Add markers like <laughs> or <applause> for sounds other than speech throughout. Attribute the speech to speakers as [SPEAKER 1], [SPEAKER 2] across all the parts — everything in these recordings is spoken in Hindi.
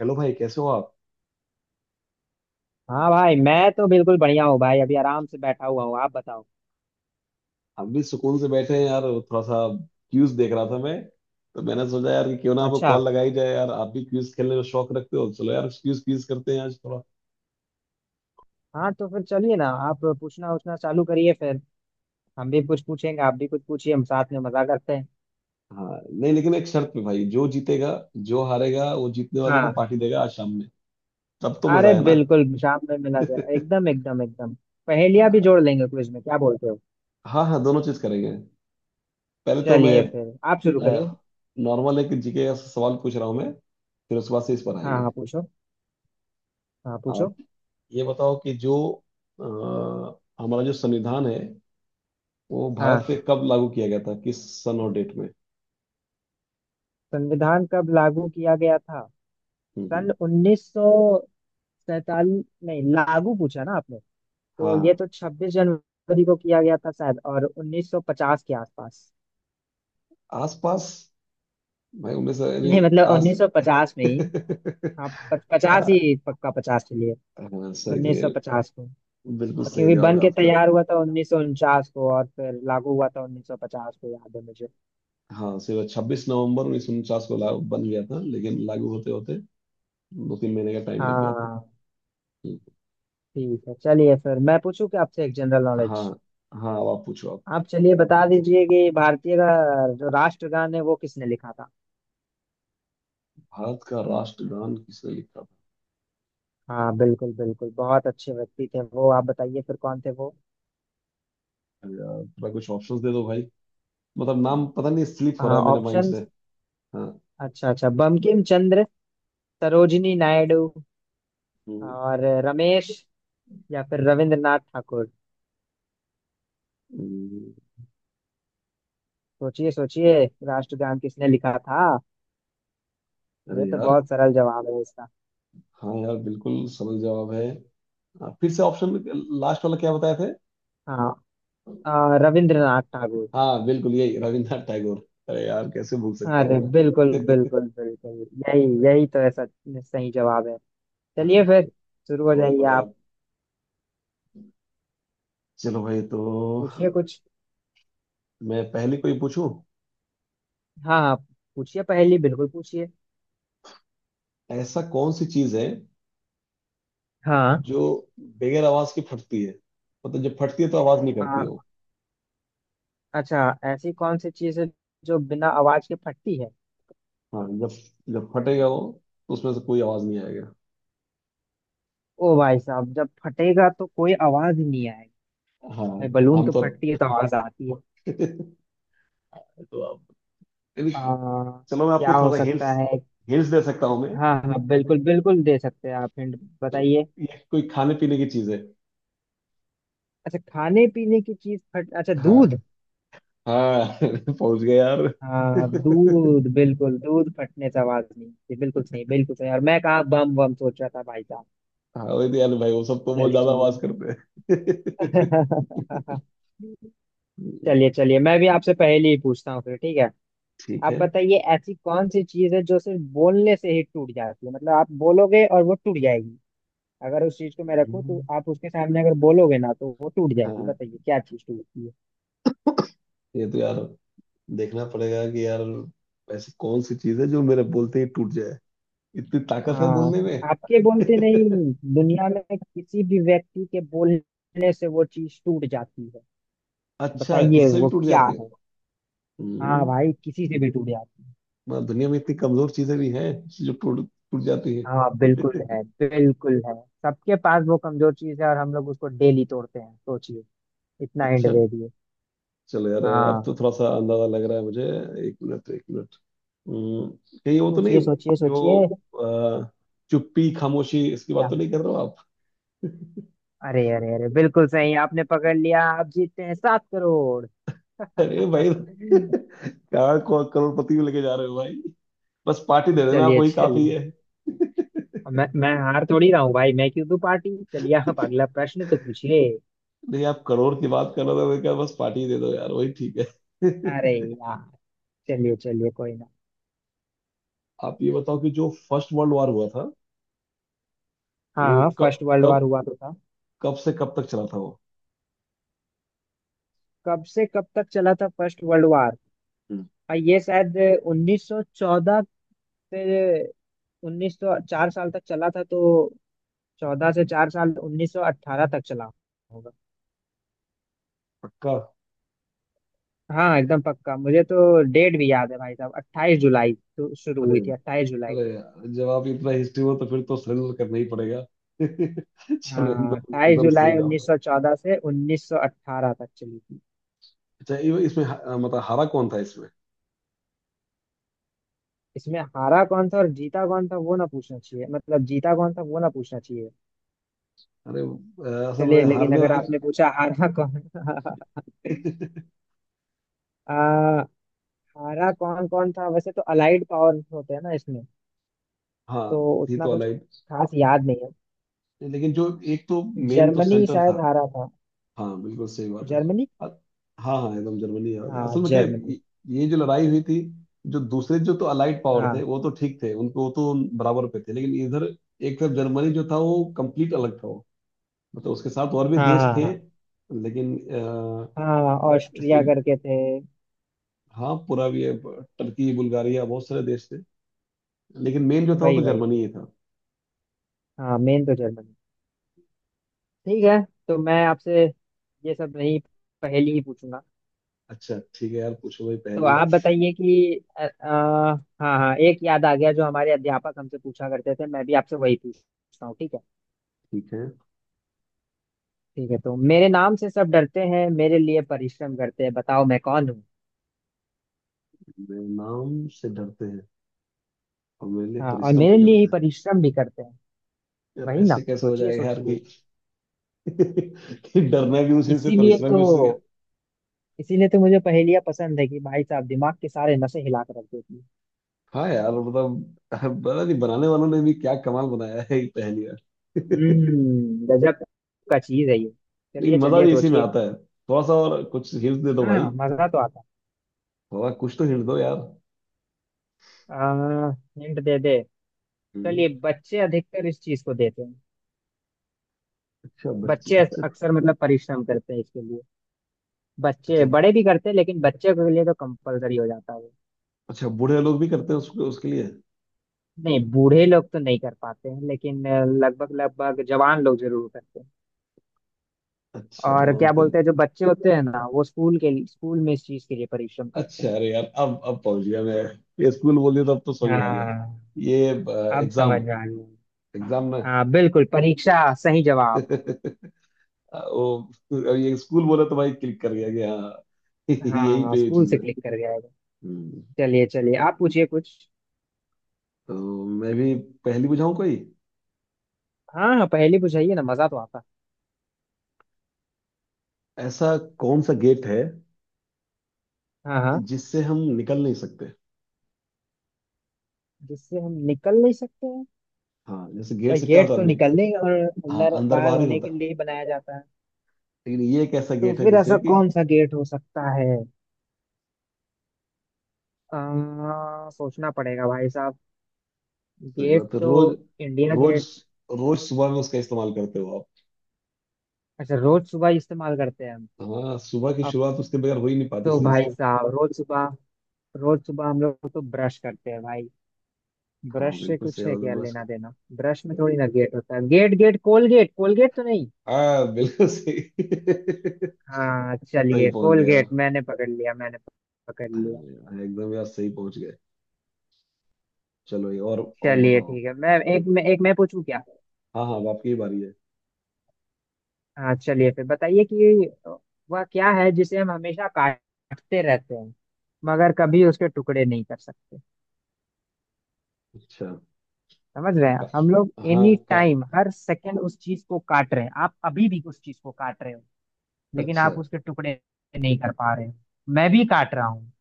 [SPEAKER 1] हेलो भाई कैसे हो आप।
[SPEAKER 2] हाँ भाई, मैं तो बिल्कुल बढ़िया हूँ भाई। अभी आराम से बैठा हुआ हूँ, आप बताओ।
[SPEAKER 1] हम भी सुकून से बैठे हैं यार थोड़ा सा क्यूज देख रहा था मैं। तो मैंने सोचा यार कि क्यों ना आपको
[SPEAKER 2] अच्छा।
[SPEAKER 1] कॉल लगाई जाए यार, आप भी क्यूज खेलने में शौक रखते हो। चलो यार क्यूज क्यूज करते हैं आज थोड़ा।
[SPEAKER 2] हाँ तो फिर चलिए ना, आप पूछना उछना चालू करिए फिर। हम भी कुछ पूछेंगे, आप भी कुछ पूछिए, हम साथ में मजा करते हैं।
[SPEAKER 1] हाँ नहीं, लेकिन एक शर्त पे भाई, जो जीतेगा जो हारेगा वो जीतने वाले को
[SPEAKER 2] हाँ।
[SPEAKER 1] पार्टी देगा आज शाम में। तब तो
[SPEAKER 2] अरे
[SPEAKER 1] मजा है ना।
[SPEAKER 2] बिल्कुल, शाम में मिला जाए,
[SPEAKER 1] <laughs>
[SPEAKER 2] एकदम एकदम एकदम। पहेलियां भी
[SPEAKER 1] हाँ
[SPEAKER 2] जोड़ लेंगे क्विज में, क्या बोलते हो।
[SPEAKER 1] हाँ। हाँ, दोनों चीज करेंगे। पहले तो मैं
[SPEAKER 2] चलिए फिर आप शुरू करिए।
[SPEAKER 1] नॉर्मल एक जीके का सवाल पूछ रहा हूँ मैं। फिर उसके बाद से इस पर
[SPEAKER 2] हाँ
[SPEAKER 1] आएंगे।
[SPEAKER 2] हाँ, पूछो। हाँ पूछो।
[SPEAKER 1] आप ये बताओ कि जो हमारा जो संविधान है वो
[SPEAKER 2] हाँ।
[SPEAKER 1] भारत पे कब लागू किया गया था, किस सन और डेट में।
[SPEAKER 2] संविधान कब लागू किया गया था।
[SPEAKER 1] हम्म
[SPEAKER 2] सन
[SPEAKER 1] हम्म,
[SPEAKER 2] 1947 नहीं, लागू पूछा ना आपने,
[SPEAKER 1] हाँ
[SPEAKER 2] तो ये
[SPEAKER 1] हाँ
[SPEAKER 2] तो 26 जनवरी को किया गया था शायद, और 1950 के आसपास।
[SPEAKER 1] आसपास। भाई 1900
[SPEAKER 2] <laughs>
[SPEAKER 1] यानी
[SPEAKER 2] नहीं मतलब
[SPEAKER 1] आस।
[SPEAKER 2] 1950 में ही।
[SPEAKER 1] <laughs>
[SPEAKER 2] हाँ, 50
[SPEAKER 1] हाँ।
[SPEAKER 2] ही पक्का, 50 के लिए।
[SPEAKER 1] हाँ, सही है।
[SPEAKER 2] 1950 को। और
[SPEAKER 1] बिल्कुल सही
[SPEAKER 2] क्योंकि
[SPEAKER 1] जवाब
[SPEAKER 2] बन
[SPEAKER 1] है
[SPEAKER 2] के
[SPEAKER 1] आपका।
[SPEAKER 2] तैयार हुआ था 1949 को और फिर लागू हुआ था 1950 को, याद है मुझे।
[SPEAKER 1] हाँ सिर्फ 26 नवंबर 1949 को लागू बन गया था, लेकिन लागू होते होते 2-3 महीने का टाइम लग गया था।
[SPEAKER 2] हाँ।
[SPEAKER 1] हम्म,
[SPEAKER 2] ठीक है, चलिए फिर मैं पूछूं कि आपसे एक जनरल
[SPEAKER 1] हाँ
[SPEAKER 2] नॉलेज।
[SPEAKER 1] हाँ अब आप पूछो आप।
[SPEAKER 2] आप चलिए बता दीजिए कि भारतीय का जो राष्ट्रगान है वो किसने लिखा था।
[SPEAKER 1] भारत का राष्ट्रगान किसने लिखा था।
[SPEAKER 2] हाँ बिल्कुल बिल्कुल, बहुत अच्छे व्यक्ति थे वो, आप बताइए फिर कौन थे वो।
[SPEAKER 1] अरे यार थोड़ा कुछ ऑप्शंस दे दो भाई, मतलब नाम पता नहीं, स्लिप हो रहा है मेरे माइंड
[SPEAKER 2] ऑप्शन।
[SPEAKER 1] से। हाँ।
[SPEAKER 2] अच्छा अच्छा, बंकिम चंद्र, सरोजिनी नायडू,
[SPEAKER 1] हम्म।
[SPEAKER 2] और रमेश, या फिर रविंद्रनाथ ठाकुर।
[SPEAKER 1] हम्म।
[SPEAKER 2] सोचिए सोचिए, राष्ट्रगान किसने लिखा था। ये
[SPEAKER 1] अरे
[SPEAKER 2] तो
[SPEAKER 1] यार,
[SPEAKER 2] बहुत सरल जवाब है इसका।
[SPEAKER 1] हाँ यार बिल्कुल सरल जवाब है। हाँ, फिर से ऑप्शन, लास्ट वाला क्या बताए थे।
[SPEAKER 2] हाँ। रविंद्रनाथ ठाकुर।
[SPEAKER 1] हाँ बिल्कुल यही, रविंद्रनाथ टैगोर। अरे यार कैसे भूल सकता
[SPEAKER 2] अरे
[SPEAKER 1] हूँ
[SPEAKER 2] बिल्कुल
[SPEAKER 1] मैं। <laughs>
[SPEAKER 2] बिल्कुल बिल्कुल, यही यही तो ऐसा सही जवाब है। चलिए
[SPEAKER 1] हाँ,
[SPEAKER 2] फिर, शुरू हो
[SPEAKER 1] बहुत
[SPEAKER 2] जाइए
[SPEAKER 1] बड़े
[SPEAKER 2] आप।
[SPEAKER 1] आप। चलो भाई तो
[SPEAKER 2] पूछिए कुछ।
[SPEAKER 1] मैं पहली कोई पूछूं।
[SPEAKER 2] हाँ हाँ पूछिए, पहेली बिल्कुल पूछिए।
[SPEAKER 1] ऐसा कौन सी चीज है
[SPEAKER 2] हाँ।
[SPEAKER 1] जो बगैर आवाज की फटती है। मतलब जब फटती है तो आवाज नहीं
[SPEAKER 2] अ,
[SPEAKER 1] करती है वो।
[SPEAKER 2] अच्छा, ऐसी कौन सी चीज़ है जो बिना आवाज के फटती है।
[SPEAKER 1] हाँ जब जब फटेगा वो तो उसमें से कोई आवाज नहीं आएगा।
[SPEAKER 2] ओ भाई साहब, जब फटेगा तो कोई आवाज ही नहीं आएगी।
[SPEAKER 1] हाँ
[SPEAKER 2] भाई, बलून तो
[SPEAKER 1] आमतौर।
[SPEAKER 2] फटती है तो आवाज आती है।
[SPEAKER 1] <laughs> तो आप।
[SPEAKER 2] आ,
[SPEAKER 1] चलो मैं
[SPEAKER 2] क्या
[SPEAKER 1] आपको
[SPEAKER 2] हो
[SPEAKER 1] थोड़ा सा हिंट्स,
[SPEAKER 2] सकता है।
[SPEAKER 1] हिंट्स दे सकता हूँ मैं।
[SPEAKER 2] हाँ हाँ, बिल्कुल बिल्कुल दे सकते हैं आप हिंट,
[SPEAKER 1] तो
[SPEAKER 2] बताइए।
[SPEAKER 1] ये कोई खाने पीने की चीज है।
[SPEAKER 2] अच्छा खाने पीने की चीज फट, अच्छा,
[SPEAKER 1] हाँ।
[SPEAKER 2] दूध।
[SPEAKER 1] हाँ <laughs> पहुंच गए यार।
[SPEAKER 2] हाँ
[SPEAKER 1] <laughs>
[SPEAKER 2] दूध, बिल्कुल दूध फटने से आवाज नहीं आती, बिल्कुल सही बिल्कुल सही, और मैं कहाँ बम बम सोच रहा था भाई साहब।
[SPEAKER 1] हाँ वही तो यार भाई, वो सब तो बहुत
[SPEAKER 2] चलिए
[SPEAKER 1] ज्यादा
[SPEAKER 2] चलिए।
[SPEAKER 1] आवाज करते हैं। <laughs>
[SPEAKER 2] <laughs> चलिए चलिए, मैं भी आपसे पहले ही पूछता हूँ फिर, ठीक है।
[SPEAKER 1] ठीक
[SPEAKER 2] आप
[SPEAKER 1] है।
[SPEAKER 2] बताइए, ऐसी कौन सी चीज है जो सिर्फ बोलने से ही टूट जाती है, मतलब आप बोलोगे और वो टूट जाएगी। अगर उस चीज को मैं रखूं तो
[SPEAKER 1] हम्म।
[SPEAKER 2] आप उसके सामने अगर बोलोगे ना, तो वो टूट जाएगी,
[SPEAKER 1] हाँ
[SPEAKER 2] बताइए क्या चीज टूटती है।
[SPEAKER 1] ये तो यार देखना पड़ेगा कि यार ऐसी कौन सी चीज है जो मेरे बोलते ही टूट जाए, इतनी ताकत है
[SPEAKER 2] हाँ।
[SPEAKER 1] बोलने में।
[SPEAKER 2] आपके बोलते
[SPEAKER 1] <laughs>
[SPEAKER 2] नहीं, दुनिया में किसी भी व्यक्ति के बोलने से वो चीज टूट जाती है,
[SPEAKER 1] अच्छा
[SPEAKER 2] बताइए
[SPEAKER 1] किससे भी
[SPEAKER 2] वो
[SPEAKER 1] टूट
[SPEAKER 2] क्या
[SPEAKER 1] जाती है।
[SPEAKER 2] है। हाँ
[SPEAKER 1] हम्म,
[SPEAKER 2] भाई, किसी से भी टूट जाती है।
[SPEAKER 1] मतलब दुनिया में इतनी कमजोर चीजें भी हैं जो टूट टूट जाती
[SPEAKER 2] हाँ
[SPEAKER 1] है।
[SPEAKER 2] बिल्कुल
[SPEAKER 1] <laughs>
[SPEAKER 2] है, बिल्कुल है, सबके पास वो कमजोर चीज है, और हम लोग उसको डेली तोड़ते हैं, सोचिए। इतना एंड
[SPEAKER 1] अच्छा,
[SPEAKER 2] दे दिए।
[SPEAKER 1] चलो यार अब तो
[SPEAKER 2] हाँ,
[SPEAKER 1] थोड़ा सा अंदाजा लग रहा है मुझे। एक मिनट एक मिनट। हम्म, कहीं वो तो नहीं
[SPEAKER 2] सोचिए सोचिए सोचिए।
[SPEAKER 1] जो अ, चुप्पी, खामोशी, इसकी बात
[SPEAKER 2] क्या।
[SPEAKER 1] तो नहीं कर रहे हो आप।
[SPEAKER 2] अरे अरे अरे, बिल्कुल सही, आपने पकड़ लिया, आप जीतते हैं 7 करोड़। <laughs>
[SPEAKER 1] अरे भाई <laughs> क्या को- करोड़पति में लेके जा रहे हो भाई। बस पार्टी दे देना आप,
[SPEAKER 2] चलिए
[SPEAKER 1] वही काफी
[SPEAKER 2] चलिए,
[SPEAKER 1] है।
[SPEAKER 2] मैं हार थोड़ी रहा हूँ भाई, मैं क्यों दूं पार्टी, चलिए आप अगला प्रश्न तो पूछिए।
[SPEAKER 1] नहीं आप करोड़ की बात कर रहे थे, मैं क्या बस पार्टी दे दो यार वही ठीक है।
[SPEAKER 2] अरे
[SPEAKER 1] <laughs>
[SPEAKER 2] यार, चलिए चलिए, कोई ना।
[SPEAKER 1] आप ये बताओ कि जो फर्स्ट वर्ल्ड वॉर हुआ था
[SPEAKER 2] हाँ
[SPEAKER 1] वो
[SPEAKER 2] हाँ, फर्स्ट
[SPEAKER 1] कब
[SPEAKER 2] वर्ल्ड वार
[SPEAKER 1] कब
[SPEAKER 2] हुआ तो था।
[SPEAKER 1] कब से कब तक चला था वो।
[SPEAKER 2] कब से कब तक चला था फर्स्ट वर्ल्ड वार,
[SPEAKER 1] हम्म।
[SPEAKER 2] और ये शायद 1914 से 1900, चार साल तक चला था तो, चौदह से चार साल 1918 तक चला।
[SPEAKER 1] पक्का।
[SPEAKER 2] हाँ एकदम पक्का, मुझे तो डेट भी याद है भाई साहब, 28 जुलाई तो शुरू
[SPEAKER 1] अरे
[SPEAKER 2] हुई थी, 28 जुलाई
[SPEAKER 1] अरे
[SPEAKER 2] को।
[SPEAKER 1] यार, जब आप इतना हिस्ट्री हो तो फिर तो सरेंडर करना ही पड़ेगा। <laughs> चलो
[SPEAKER 2] हाँ,
[SPEAKER 1] एकदम
[SPEAKER 2] अट्ठाईस
[SPEAKER 1] एकदम सही
[SPEAKER 2] जुलाई उन्नीस
[SPEAKER 1] जवाब।
[SPEAKER 2] सौ चौदह से 1918 तक चली थी।
[SPEAKER 1] अच्छा ये- इसमें ह- मतलब हारा कौन था इसमें।
[SPEAKER 2] इसमें हारा कौन था और जीता कौन था, वो ना पूछना चाहिए, मतलब जीता कौन था वो ना पूछना चाहिए।
[SPEAKER 1] अरे असल में
[SPEAKER 2] चलिए, लेकिन
[SPEAKER 1] हारने
[SPEAKER 2] अगर
[SPEAKER 1] वाले।
[SPEAKER 2] आपने पूछा हारा कौन। <laughs>
[SPEAKER 1] <laughs>
[SPEAKER 2] आ, हारा कौन कौन था, वैसे तो अलाइड पावर होते हैं ना इसमें, तो
[SPEAKER 1] हाँ थी
[SPEAKER 2] उतना
[SPEAKER 1] तो
[SPEAKER 2] कुछ
[SPEAKER 1] अलाइड।
[SPEAKER 2] खास याद नहीं है।
[SPEAKER 1] लेकिन जो एक तो मेन तो
[SPEAKER 2] जर्मनी
[SPEAKER 1] सेंटर था।
[SPEAKER 2] शायद हारा था।
[SPEAKER 1] हाँ बिल्कुल सही बात है।
[SPEAKER 2] जर्मनी।
[SPEAKER 1] अ- हाँ हाँ एकदम जर्मनी है।
[SPEAKER 2] हाँ
[SPEAKER 1] असल में क्या है,
[SPEAKER 2] जर्मनी।
[SPEAKER 1] ये जो लड़ाई हुई थी, जो दूसरे जो तो अलाइड पावर थे
[SPEAKER 2] हाँ
[SPEAKER 1] वो तो ठीक थे, उनको वो तो बराबर पे थे, लेकिन इधर एक तरफ जर्मनी जो था वो कंप्लीट अलग था। मतलब उसके साथ और भी
[SPEAKER 2] हाँ
[SPEAKER 1] देश
[SPEAKER 2] हाँ।
[SPEAKER 1] थे,
[SPEAKER 2] हाँ
[SPEAKER 1] लेकिन
[SPEAKER 2] हाँ, ऑस्ट्रिया
[SPEAKER 1] इसमें,
[SPEAKER 2] करके थे।
[SPEAKER 1] हाँ पूरा भी है, टर्की, बुल्गारिया, बहुत सारे देश थे। लेकिन मेन जो था वो तो
[SPEAKER 2] वही वही
[SPEAKER 1] जर्मनी
[SPEAKER 2] वही,
[SPEAKER 1] ही था।
[SPEAKER 2] हाँ मेन तो जर्मनी। ठीक है, तो मैं आपसे ये सब नहीं, पहेली ही पूछूंगा।
[SPEAKER 1] अच्छा ठीक है यार पूछो भाई
[SPEAKER 2] तो
[SPEAKER 1] पहली।
[SPEAKER 2] आप बताइए कि हाँ हाँ, एक याद आ गया, जो हमारे अध्यापक हमसे पूछा करते थे, मैं भी आपसे वही पूछता हूँ, ठीक है।
[SPEAKER 1] ठीक है।
[SPEAKER 2] ठीक है, तो मेरे नाम से सब डरते हैं, मेरे लिए परिश्रम करते हैं, बताओ मैं कौन हूँ।
[SPEAKER 1] मेरे नाम से डरते हैं और मेरे लिए
[SPEAKER 2] हाँ और
[SPEAKER 1] परिश्रम
[SPEAKER 2] मेरे
[SPEAKER 1] भी
[SPEAKER 2] लिए ही
[SPEAKER 1] करते हैं।
[SPEAKER 2] परिश्रम भी करते हैं।
[SPEAKER 1] यार
[SPEAKER 2] वही ना,
[SPEAKER 1] ऐसे कैसे हो
[SPEAKER 2] सोचिए
[SPEAKER 1] जाएगा यार कि,
[SPEAKER 2] सोचिए।
[SPEAKER 1] <laughs> कि डरना भी उसी से
[SPEAKER 2] इसीलिए
[SPEAKER 1] परिश्रम भी
[SPEAKER 2] तो,
[SPEAKER 1] उसी से।
[SPEAKER 2] इसीलिए तो मुझे पहेलियाँ पसंद है कि भाई साहब दिमाग के सारे नसें हिला कर रख देती है।
[SPEAKER 1] हाँ यार मतलब पता नहीं बनाने वालों ने भी क्या कमाल बनाया है ये पहली बार।
[SPEAKER 2] गजब का चीज है ये।
[SPEAKER 1] लेकिन
[SPEAKER 2] चलिए
[SPEAKER 1] मजा
[SPEAKER 2] चलिए
[SPEAKER 1] भी इसी में
[SPEAKER 2] सोचिए।
[SPEAKER 1] आता है। थोड़ा सा और कुछ हिंट दे दो भाई।
[SPEAKER 2] हाँ मजा तो आता।
[SPEAKER 1] थोड़ा कुछ तो हिंट दो यार।
[SPEAKER 2] आ, हिंट दे दे।
[SPEAKER 1] हम्म।
[SPEAKER 2] चलिए, बच्चे अधिकतर इस चीज को देते हैं,
[SPEAKER 1] अच्छा बच्चे,
[SPEAKER 2] बच्चे
[SPEAKER 1] अच्छा।
[SPEAKER 2] अक्सर मतलब परिश्रम करते हैं इसके लिए, बच्चे
[SPEAKER 1] अच्छा।
[SPEAKER 2] बड़े भी करते हैं लेकिन बच्चे के लिए तो कंपलसरी हो जाता है वो।
[SPEAKER 1] अच्छा बूढ़े लोग भी करते हैं उसको उसके लिए।
[SPEAKER 2] नहीं बूढ़े लोग तो नहीं कर पाते हैं, लेकिन लगभग लगभग जवान लोग जरूर करते हैं।
[SPEAKER 1] अच्छा
[SPEAKER 2] और
[SPEAKER 1] जवान
[SPEAKER 2] क्या
[SPEAKER 1] तो।
[SPEAKER 2] बोलते हैं, जो बच्चे होते हैं ना वो स्कूल के लिए- स्कूल में इस चीज के लिए परिश्रम करते
[SPEAKER 1] अच्छा
[SPEAKER 2] हैं।
[SPEAKER 1] अरे यार अब पहुंच गया मैं। ये स्कूल बोलिए तो अब तो समझ में आ गया।
[SPEAKER 2] हाँ
[SPEAKER 1] ये
[SPEAKER 2] अब समझ
[SPEAKER 1] एग्जाम,
[SPEAKER 2] में आ गया।
[SPEAKER 1] एग्जाम में।
[SPEAKER 2] हाँ बिल्कुल, परीक्षा, सही जवाब।
[SPEAKER 1] <laughs> वो अब ये स्कूल बोला तो भाई क्लिक कर गया कि हाँ <laughs> यही
[SPEAKER 2] हाँ,
[SPEAKER 1] पे ये
[SPEAKER 2] स्कूल
[SPEAKER 1] चीज
[SPEAKER 2] से
[SPEAKER 1] है।
[SPEAKER 2] क्लिक कर गया है।
[SPEAKER 1] हम्म,
[SPEAKER 2] चलिए चलिए, आप पूछिए कुछ।
[SPEAKER 1] तो मैं भी पहली बुझाऊं कोई।
[SPEAKER 2] हाँ हाँ, पहेली पूछाइए ना, मजा तो आता।
[SPEAKER 1] ऐसा कौन सा गेट है
[SPEAKER 2] हाँ हाँ,
[SPEAKER 1] जिससे हम निकल नहीं सकते।
[SPEAKER 2] जिससे हम निकल नहीं सकते हैं।
[SPEAKER 1] हाँ जैसे गेट
[SPEAKER 2] भाई,
[SPEAKER 1] से क्या
[SPEAKER 2] गेट
[SPEAKER 1] होता है
[SPEAKER 2] तो
[SPEAKER 1] आदमी।
[SPEAKER 2] निकलने और
[SPEAKER 1] हाँ
[SPEAKER 2] अंदर
[SPEAKER 1] अंदर
[SPEAKER 2] बाहर
[SPEAKER 1] बाहर ही
[SPEAKER 2] होने
[SPEAKER 1] होता
[SPEAKER 2] के
[SPEAKER 1] है,
[SPEAKER 2] लिए बनाया जाता है।
[SPEAKER 1] लेकिन ये एक ऐसा
[SPEAKER 2] तो
[SPEAKER 1] गेट है
[SPEAKER 2] फिर
[SPEAKER 1] जिससे
[SPEAKER 2] ऐसा
[SPEAKER 1] कि,
[SPEAKER 2] कौन सा गेट हो सकता है, सोचना पड़ेगा भाई साहब।
[SPEAKER 1] सही
[SPEAKER 2] गेट
[SPEAKER 1] बात है।
[SPEAKER 2] तो
[SPEAKER 1] रोज
[SPEAKER 2] इंडिया
[SPEAKER 1] रोज,
[SPEAKER 2] गेट।
[SPEAKER 1] रोज सुबह में उसका इस्तेमाल करते हो आप।
[SPEAKER 2] अच्छा रोज सुबह इस्तेमाल करते हैं हम,
[SPEAKER 1] हाँ सुबह की
[SPEAKER 2] अब
[SPEAKER 1] शुरुआत उसके बगैर हो ही नहीं पाती
[SPEAKER 2] तो
[SPEAKER 1] सही
[SPEAKER 2] भाई
[SPEAKER 1] से।
[SPEAKER 2] साहब, रोज सुबह हम लोग तो ब्रश करते हैं भाई।
[SPEAKER 1] हाँ
[SPEAKER 2] ब्रश से
[SPEAKER 1] बिल्कुल सही
[SPEAKER 2] कुछ है
[SPEAKER 1] बात है
[SPEAKER 2] क्या
[SPEAKER 1] बस।
[SPEAKER 2] लेना देना, ब्रश में थोड़ी ना गेट होता है, गेट गेट कोलगेट, कोलगेट तो नहीं।
[SPEAKER 1] हाँ बिल्कुल सही। <laughs>
[SPEAKER 2] हाँ
[SPEAKER 1] सही
[SPEAKER 2] चलिए
[SPEAKER 1] पहुंच गए यार।
[SPEAKER 2] कोलगेट, मैंने पकड़ लिया, मैंने पकड़ लिया।
[SPEAKER 1] हाँ, एकदम यार सही पहुंच गए। चलो ये और
[SPEAKER 2] चलिए
[SPEAKER 1] बताओ आप।
[SPEAKER 2] ठीक है, मैं पूछूं क्या।
[SPEAKER 1] हाँ हाँ अब आपकी ही बारी है।
[SPEAKER 2] हाँ चलिए फिर बताइए कि वह क्या है जिसे हम हमेशा काटते रहते हैं मगर कभी उसके टुकड़े नहीं कर सकते।
[SPEAKER 1] अच्छा,
[SPEAKER 2] समझ रहे
[SPEAKER 1] का,
[SPEAKER 2] हैं, हम लोग
[SPEAKER 1] हाँ,
[SPEAKER 2] एनी
[SPEAKER 1] का।
[SPEAKER 2] टाइम हर सेकंड उस चीज को काट रहे हैं, आप अभी भी उस चीज को काट रहे हो, लेकिन
[SPEAKER 1] अच्छा,
[SPEAKER 2] आप उसके टुकड़े नहीं कर पा रहे हो। मैं भी काट रहा हूँ,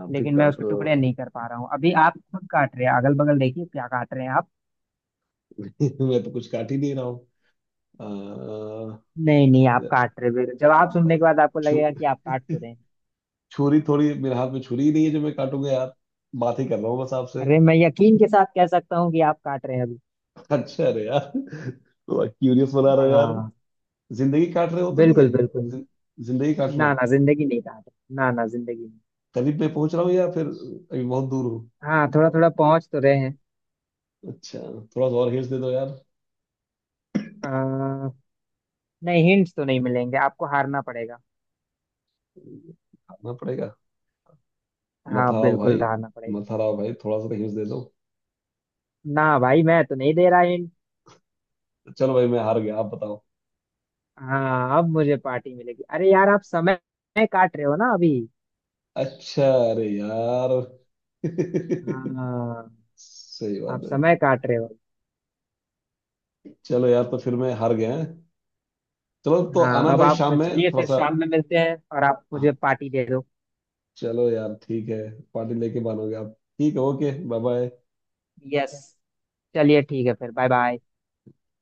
[SPEAKER 1] आप भी
[SPEAKER 2] लेकिन मैं
[SPEAKER 1] काट
[SPEAKER 2] उसको
[SPEAKER 1] रहे हो।
[SPEAKER 2] टुकड़े नहीं कर पा रहा हूँ, अभी आप खुद काट रहे हैं, अगल बगल देखिए क्या काट रहे हैं आप।
[SPEAKER 1] <laughs> मैं तो कुछ काट ही नहीं रहा हूँ। अ,
[SPEAKER 2] नहीं नहीं, आप काट रहे हैं, जवाब सुनने के
[SPEAKER 1] भाई,
[SPEAKER 2] बाद आपको
[SPEAKER 1] छु,
[SPEAKER 2] लगेगा कि आप काट तो रहे हैं।
[SPEAKER 1] छुरी, थोड़ी मेरे हाथ में छुरी ही नहीं है जो मैं काटूंगा यार। बात ही कर रहा हूँ बस आपसे।
[SPEAKER 2] अरे मैं यकीन के साथ कह सकता हूँ कि आप काट रहे हैं अभी।
[SPEAKER 1] अच्छा, अरे यार तो क्यूरियस बना रहे हो यार।
[SPEAKER 2] हाँ
[SPEAKER 1] जिंदगी काट रहे हो तो नहीं है।
[SPEAKER 2] बिल्कुल बिल्कुल।
[SPEAKER 1] जिन- जिंदगी काटना।
[SPEAKER 2] ना ना जिंदगी नहीं काट रहे, ना ना जिंदगी नहीं।
[SPEAKER 1] करीब में पहुंच रहा हूँ या फिर अभी बहुत दूर हूँ।
[SPEAKER 2] हाँ थोड़ा थोड़ा पहुंच तो रहे हैं।
[SPEAKER 1] अच्छा। थोड़ा सा और हिंस दे दो यार।
[SPEAKER 2] आ, नहीं हिंट्स तो नहीं मिलेंगे, आपको हारना पड़ेगा।
[SPEAKER 1] खाना पड़ेगा। मत
[SPEAKER 2] हाँ
[SPEAKER 1] हारो
[SPEAKER 2] बिल्कुल
[SPEAKER 1] भाई,
[SPEAKER 2] हारना पड़ेगा।
[SPEAKER 1] मत हराओ भाई, थोड़ा सा तो हिंस दे दो।
[SPEAKER 2] ना भाई, मैं तो नहीं दे रहा हिंट।
[SPEAKER 1] चलो भाई मैं हार गया, आप बताओ।
[SPEAKER 2] हाँ अब मुझे पार्टी मिलेगी, अरे यार आप समय काट रहे हो ना अभी।
[SPEAKER 1] अच्छा, अरे यार <laughs>
[SPEAKER 2] हाँ
[SPEAKER 1] सही
[SPEAKER 2] आप
[SPEAKER 1] बात है।
[SPEAKER 2] समय काट रहे हो।
[SPEAKER 1] चलो यार तो फिर मैं हार गया हैं। चलो तो आना
[SPEAKER 2] हाँ अब
[SPEAKER 1] भाई
[SPEAKER 2] आप
[SPEAKER 1] शाम में
[SPEAKER 2] चलिए, फिर
[SPEAKER 1] थोड़ा
[SPEAKER 2] शाम में मिलते हैं और आप
[SPEAKER 1] सा।
[SPEAKER 2] मुझे पार्टी दे दो।
[SPEAKER 1] चलो यार ठीक है। पार्टी लेके मानोगे आप, ठीक है, ओके, बाय बाय।
[SPEAKER 2] यस। चलिए ठीक है फिर, बाय बाय।